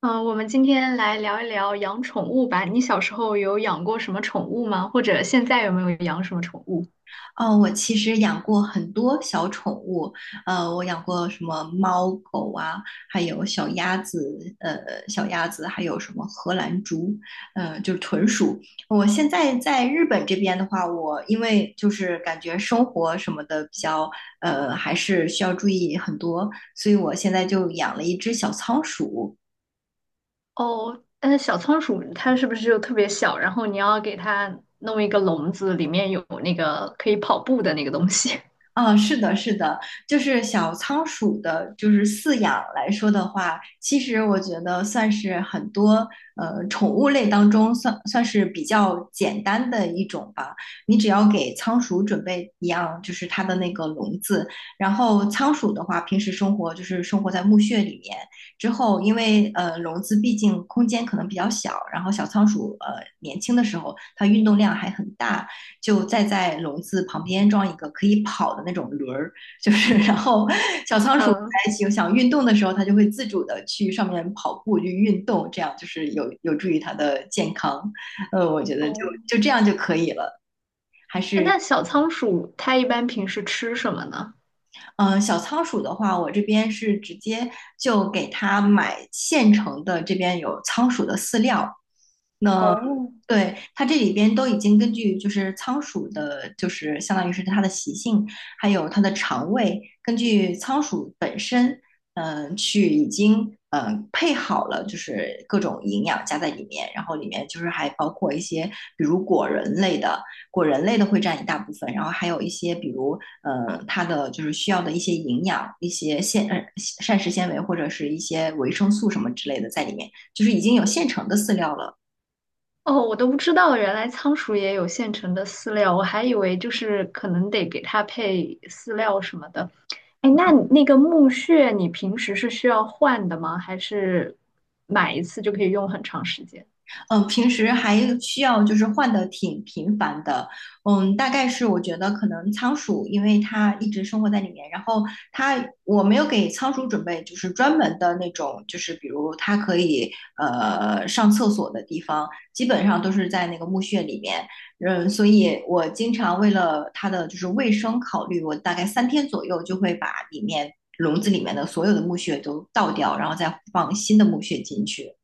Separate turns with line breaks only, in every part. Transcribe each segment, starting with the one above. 嗯，我们今天来聊一聊养宠物吧。你小时候有养过什么宠物吗？或者现在有没有养什么宠物？
哦，我其实养过很多小宠物，我养过什么猫狗啊，还有小鸭子，还有什么荷兰猪，就是豚鼠。我现在在日本这边的话，我因为就是感觉生活什么的比较，还是需要注意很多，所以我现在就养了一只小仓鼠，
哦，那小仓鼠它是不是就特别小？然后你要给它弄一个笼子，里面有那个可以跑步的那个东西。
啊，是的，是的，就是小仓鼠的，就是饲养来说的话，其实我觉得算是很多宠物类当中算是比较简单的一种吧。你只要给仓鼠准备一样，就是它的那个笼子，然后仓鼠的话，平时生活就是生活在墓穴里面，之后因为笼子毕竟空间可能比较小，然后小仓鼠年轻的时候它运动量还很大，就再在笼子旁边装一个可以跑的那种轮儿，就是然后小 仓鼠
嗯，
在想运动的时候，它就会自主的去上面跑步去运动，这样就是有助于它的健康。我觉得就
哦，
就这样就可以了。
哎那小仓鼠它一般平时吃什么呢？
小仓鼠的话，我这边是直接就给它买现成的，这边有仓鼠的饲料。那
哦，
对它这里边都已经根据就是仓鼠的，就是相当于是它的习性，还有它的肠胃，根据仓鼠本身，已经配好了，就是各种营养加在里面，然后里面就是还包括一些比如果仁类的，果仁类的会占一大部分，然后还有一些比如它的就是需要的一些营养、一些膳食纤维或者是一些维生素什么之类的在里面，就是已经有现成的饲料了。
哦，我都不知道，原来仓鼠也有现成的饲料，我还以为就是可能得给它配饲料什么的。哎，那你那个木屑你平时是需要换的吗？还是买一次就可以用很长时间？
嗯，平时还需要就是换的挺频繁的，嗯，大概是我觉得可能仓鼠，因为它一直生活在里面，然后我没有给仓鼠准备就是专门的那种，就是比如它可以上厕所的地方，基本上都是在那个墓穴里面，嗯，所以我经常为了它的就是卫生考虑，我大概三天左右就会把笼子里面的所有的墓穴都倒掉，然后再放新的墓穴进去，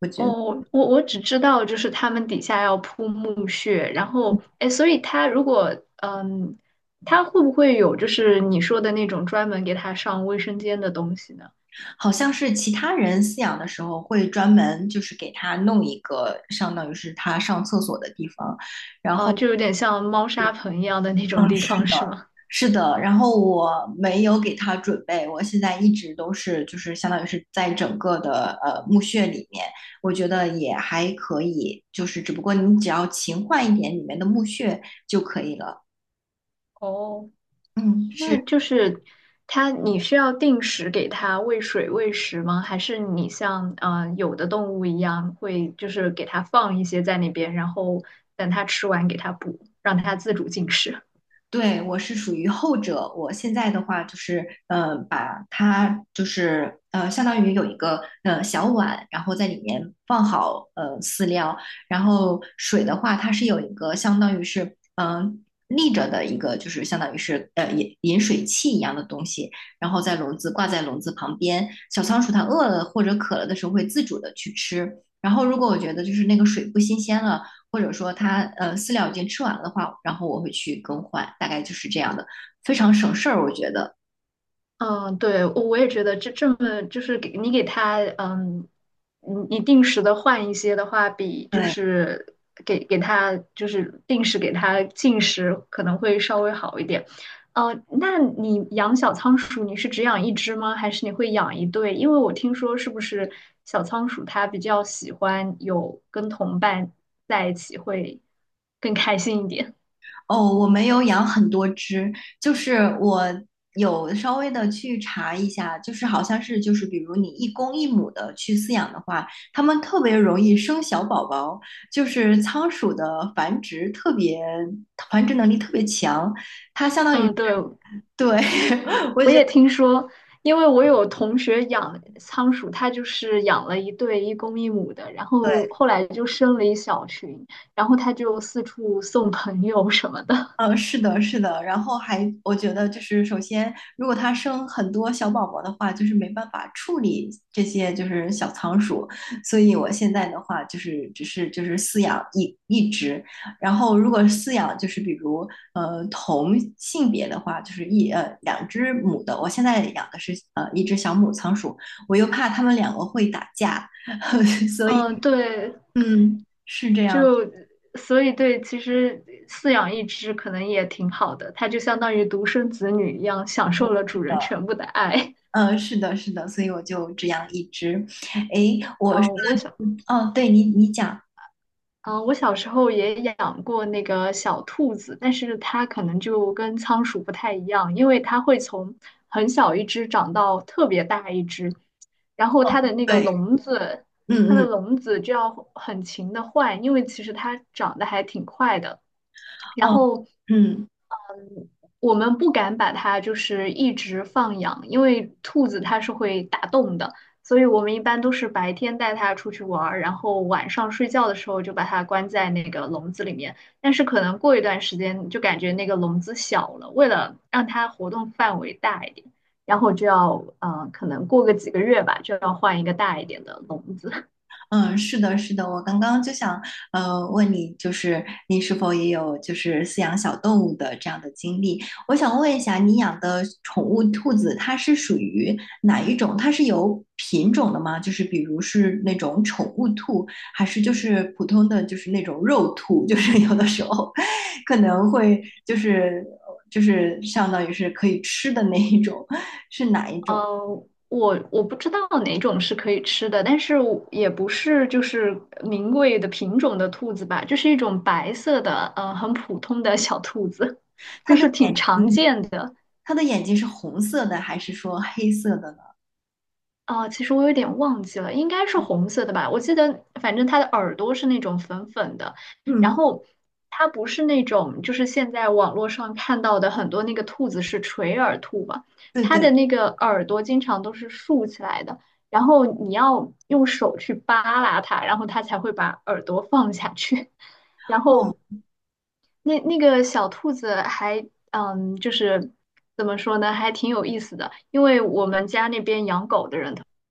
我觉得。
哦，我只知道就是它们底下要铺木屑，然后哎，所以它如果嗯，它会不会有就是你说的那种专门给它上卫生间的东西呢？
好像是其他人饲养的时候会专门就是给它弄一个相当于是它上厕所的地方。
嗯，就有点像猫砂盆一样的那种
嗯，
地方
是
是吗？
是的。然后我没有给它准备，我现在一直都是就是相当于是在整个的墓穴里面，我觉得也还可以。就是只不过你只要勤换一点里面的墓穴就可以了。
哦。
嗯，
那
是。
就是它，你需要定时给它喂水喂食吗？还是你像有的动物一样，会就是给它放一些在那边，然后等它吃完给它补，让它自主进食？
对，我是属于后者。我现在的话就是，把它就是相当于有一个小碗，然后在里面放好饲料，然后水的话，它是有一个相当于是嗯、呃立着的一个，就是相当于是饮水器一样的东西，然后在笼子挂在笼子旁边。小仓鼠它饿了或者渴了的时候会自主的去吃。然后如果我觉得就是那个水不新鲜了，或者说它饲料已经吃完了的话，然后我会去更换，大概就是这样的，非常省事儿，我觉得。
嗯，对，我也觉得这么就是给你给他，嗯，你定时的换一些的话，比就
对，
是给给他就是定时给他进食可能会稍微好一点。那你养小仓鼠，你是只养一只吗？还是你会养一对？因为我听说是不是小仓鼠它比较喜欢有跟同伴在一起会更开心一点？
哦，我没有养很多只，就是我有稍微的去查一下，就是好像是就是比如你一公一母的去饲养的话，它们特别容易生小宝宝，就是仓鼠的繁殖能力特别强，它相 当于
嗯，对，
对，我
我
觉得。
也听说，因为我有同学养仓鼠，他就是养了一对一公一母的，然后
对。
后来就生了一小群，然后他就四处送朋友什么的。
嗯，是的，是的，然后还我觉得就是，首先，如果它生很多小宝宝的话，就是没办法处理这些就是小仓鼠，所以我现在的话就是只是就是饲养一只，然后如果饲养就是比如同性别的话，就是两只母的，我现在养的是一只小母仓鼠，我又怕它们两个会打架，所以
嗯，对，
是这样的。
就所以对，其实饲养一只可能也挺好的，它就相当于独生子女一样，享受了主人全部的爱。
嗯，是的，是的，所以我就只养一只。诶，我说
啊，我
的
想
这个哦，对你，你讲，
嗯，我小时候也养过那个小兔子，但是它可能就跟仓鼠不太一样，因为它会从很小一只长到特别大一只，然后
哦，
它的那个
对，
笼子，它
嗯
的
嗯，
笼子就要很勤的换，因为其实它长得还挺快的。然
哦，
后，
嗯。
嗯，我们不敢把它就是一直放养，因为兔子它是会打洞的，所以我们一般都是白天带它出去玩儿，然后晚上睡觉的时候就把它关在那个笼子里面。但是可能过一段时间就感觉那个笼子小了，为了让它活动范围大一点，然后就要可能过个几个月吧，就要换一个大一点的笼子。
嗯，是的，是的，我刚刚就想，问你，就是你是否也有就是饲养小动物的这样的经历？我想问一下，你养的宠物兔子，它是属于哪一种？它是有品种的吗？就是比如是那种宠物兔，还是就是普通的就是那种肉兔？就是有的时候可能会就是相当于是可以吃的那一种，是哪一种？
我不知道哪种是可以吃的，但是我也不是就是名贵的品种的兔子吧，就是一种白色的，很普通的小兔子，
它
就
的
是挺
眼
常
睛，
见的。
它的眼睛是红色的还是说黑色的？
哦，其实我有点忘记了，应该是红色的吧？我记得，反正它的耳朵是那种粉粉的，然
嗯，
后它不是那种，就是现在网络上看到的很多那个兔子是垂耳兔嘛，
对
它的
对，
那个耳朵经常都是竖起来的，然后你要用手去扒拉它，然后它才会把耳朵放下去。然
哦，
后那个小兔子还嗯，就是怎么说呢，还挺有意思的。因为我们家那边养狗的人特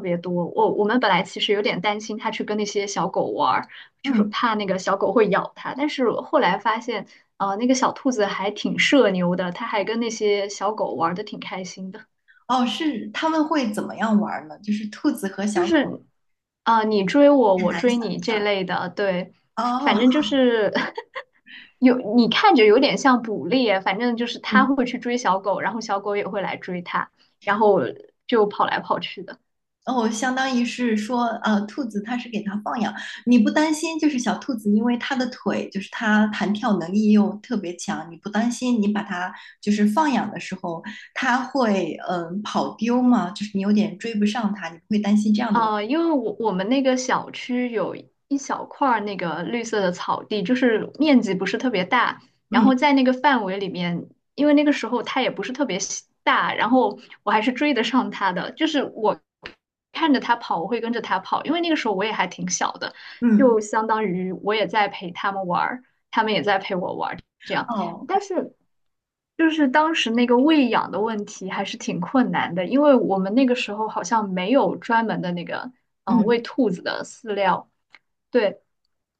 别多。我们本来其实有点担心它去跟那些小狗玩儿，就是
嗯，
怕那个小狗会咬它。但是后来发现，那个小兔子还挺社牛的，它还跟那些小狗玩的挺开心的。
哦，是他们会怎么样玩儿呢？就是兔子和
就
小狗
是，啊，你追我，
很
我
难
追
想
你这
象。
类的，对，
哦，
反正就是 有你看着有点像捕猎，反正就是它
嗯，
会去追小狗，然后小狗也会来追它，然后就跑来跑去的。
哦，相当于是说，兔子它是给它放养，你不担心，就是小兔子，因为它的腿就是它弹跳能力又特别强，你不担心你把它就是放养的时候，它会跑丢吗？就是你有点追不上它，你不会担心这样的问题。
因为我们那个小区有一小块儿那个绿色的草地，就是面积不是特别大，然
嗯
后在那个范围里面，因为那个时候它也不是特别喜大，然后我还是追得上它的，就是我看着他跑，我会跟着他跑，因为那个时候我也还挺小的，
嗯，
就相当于我也在陪他们玩儿，他们也在陪我玩儿。
哦，
但是就是当时那个喂养的问题还是挺困难的，因为我们那个时候好像没有专门的那个
嗯
喂兔子的饲料，对。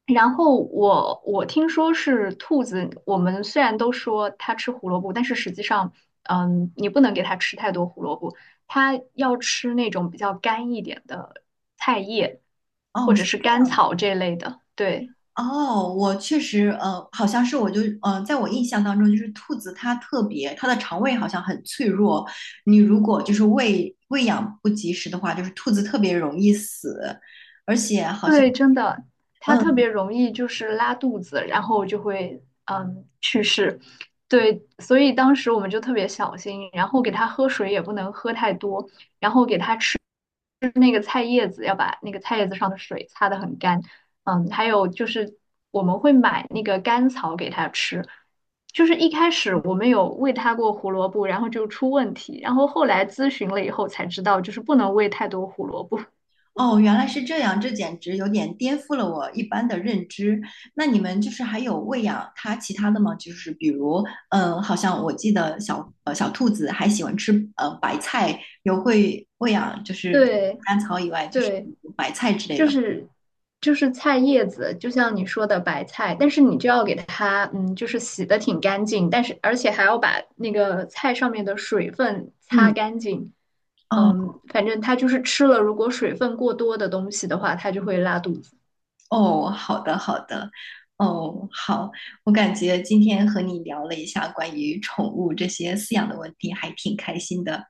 然后我我听说是兔子，我们虽然都说它吃胡萝卜，但是实际上，嗯，你不能给它吃太多胡萝卜，它要吃那种比较干一点的菜叶或
哦，
者
是。
是甘草这类的，对。
哦，我确实，好像是我就，在我印象当中，就是兔子它特别，它的肠胃好像很脆弱，你如果就是喂养不及时的话，就是兔子特别容易死。
对，真的，它特
嗯，
别容易就是拉肚子，然后就会嗯去世。对，所以当时我们就特别小心，然后给它喝水也不能喝太多，就是那个菜叶子要把那个菜叶子上的水擦得很干。嗯，还有就是我们会买那个甘草给它吃，就是一开始我们有喂它过胡萝卜，然后就出问题，然后后来咨询了以后才知道，就是不能喂太多胡萝卜。
哦，原来是这样，这简直有点颠覆了我一般的认知。那你们就是还有喂养它其他的吗？就是比如，嗯，好像我记得小兔子还喜欢吃白菜，有会喂养就 是除了
对
甘草以外，就是
对。
白菜之类
就
的。
是菜叶子，就像你说的白菜，但是你就要给它，嗯，就是洗的挺干净，但是而且还要把那个菜上面的水分擦
嗯。
干净。
哦，
嗯，反正它就是吃了，如果水分过多的东西的话，它就会拉肚子。
哦，好的，好的，哦，好，我感觉今天和你聊了一下关于宠物这些饲养的问题，还挺开心的。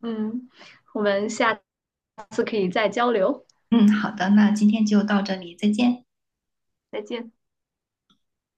嗯，我们下次可以再交流，
嗯，好的，那今天就到这里，再见。
再见。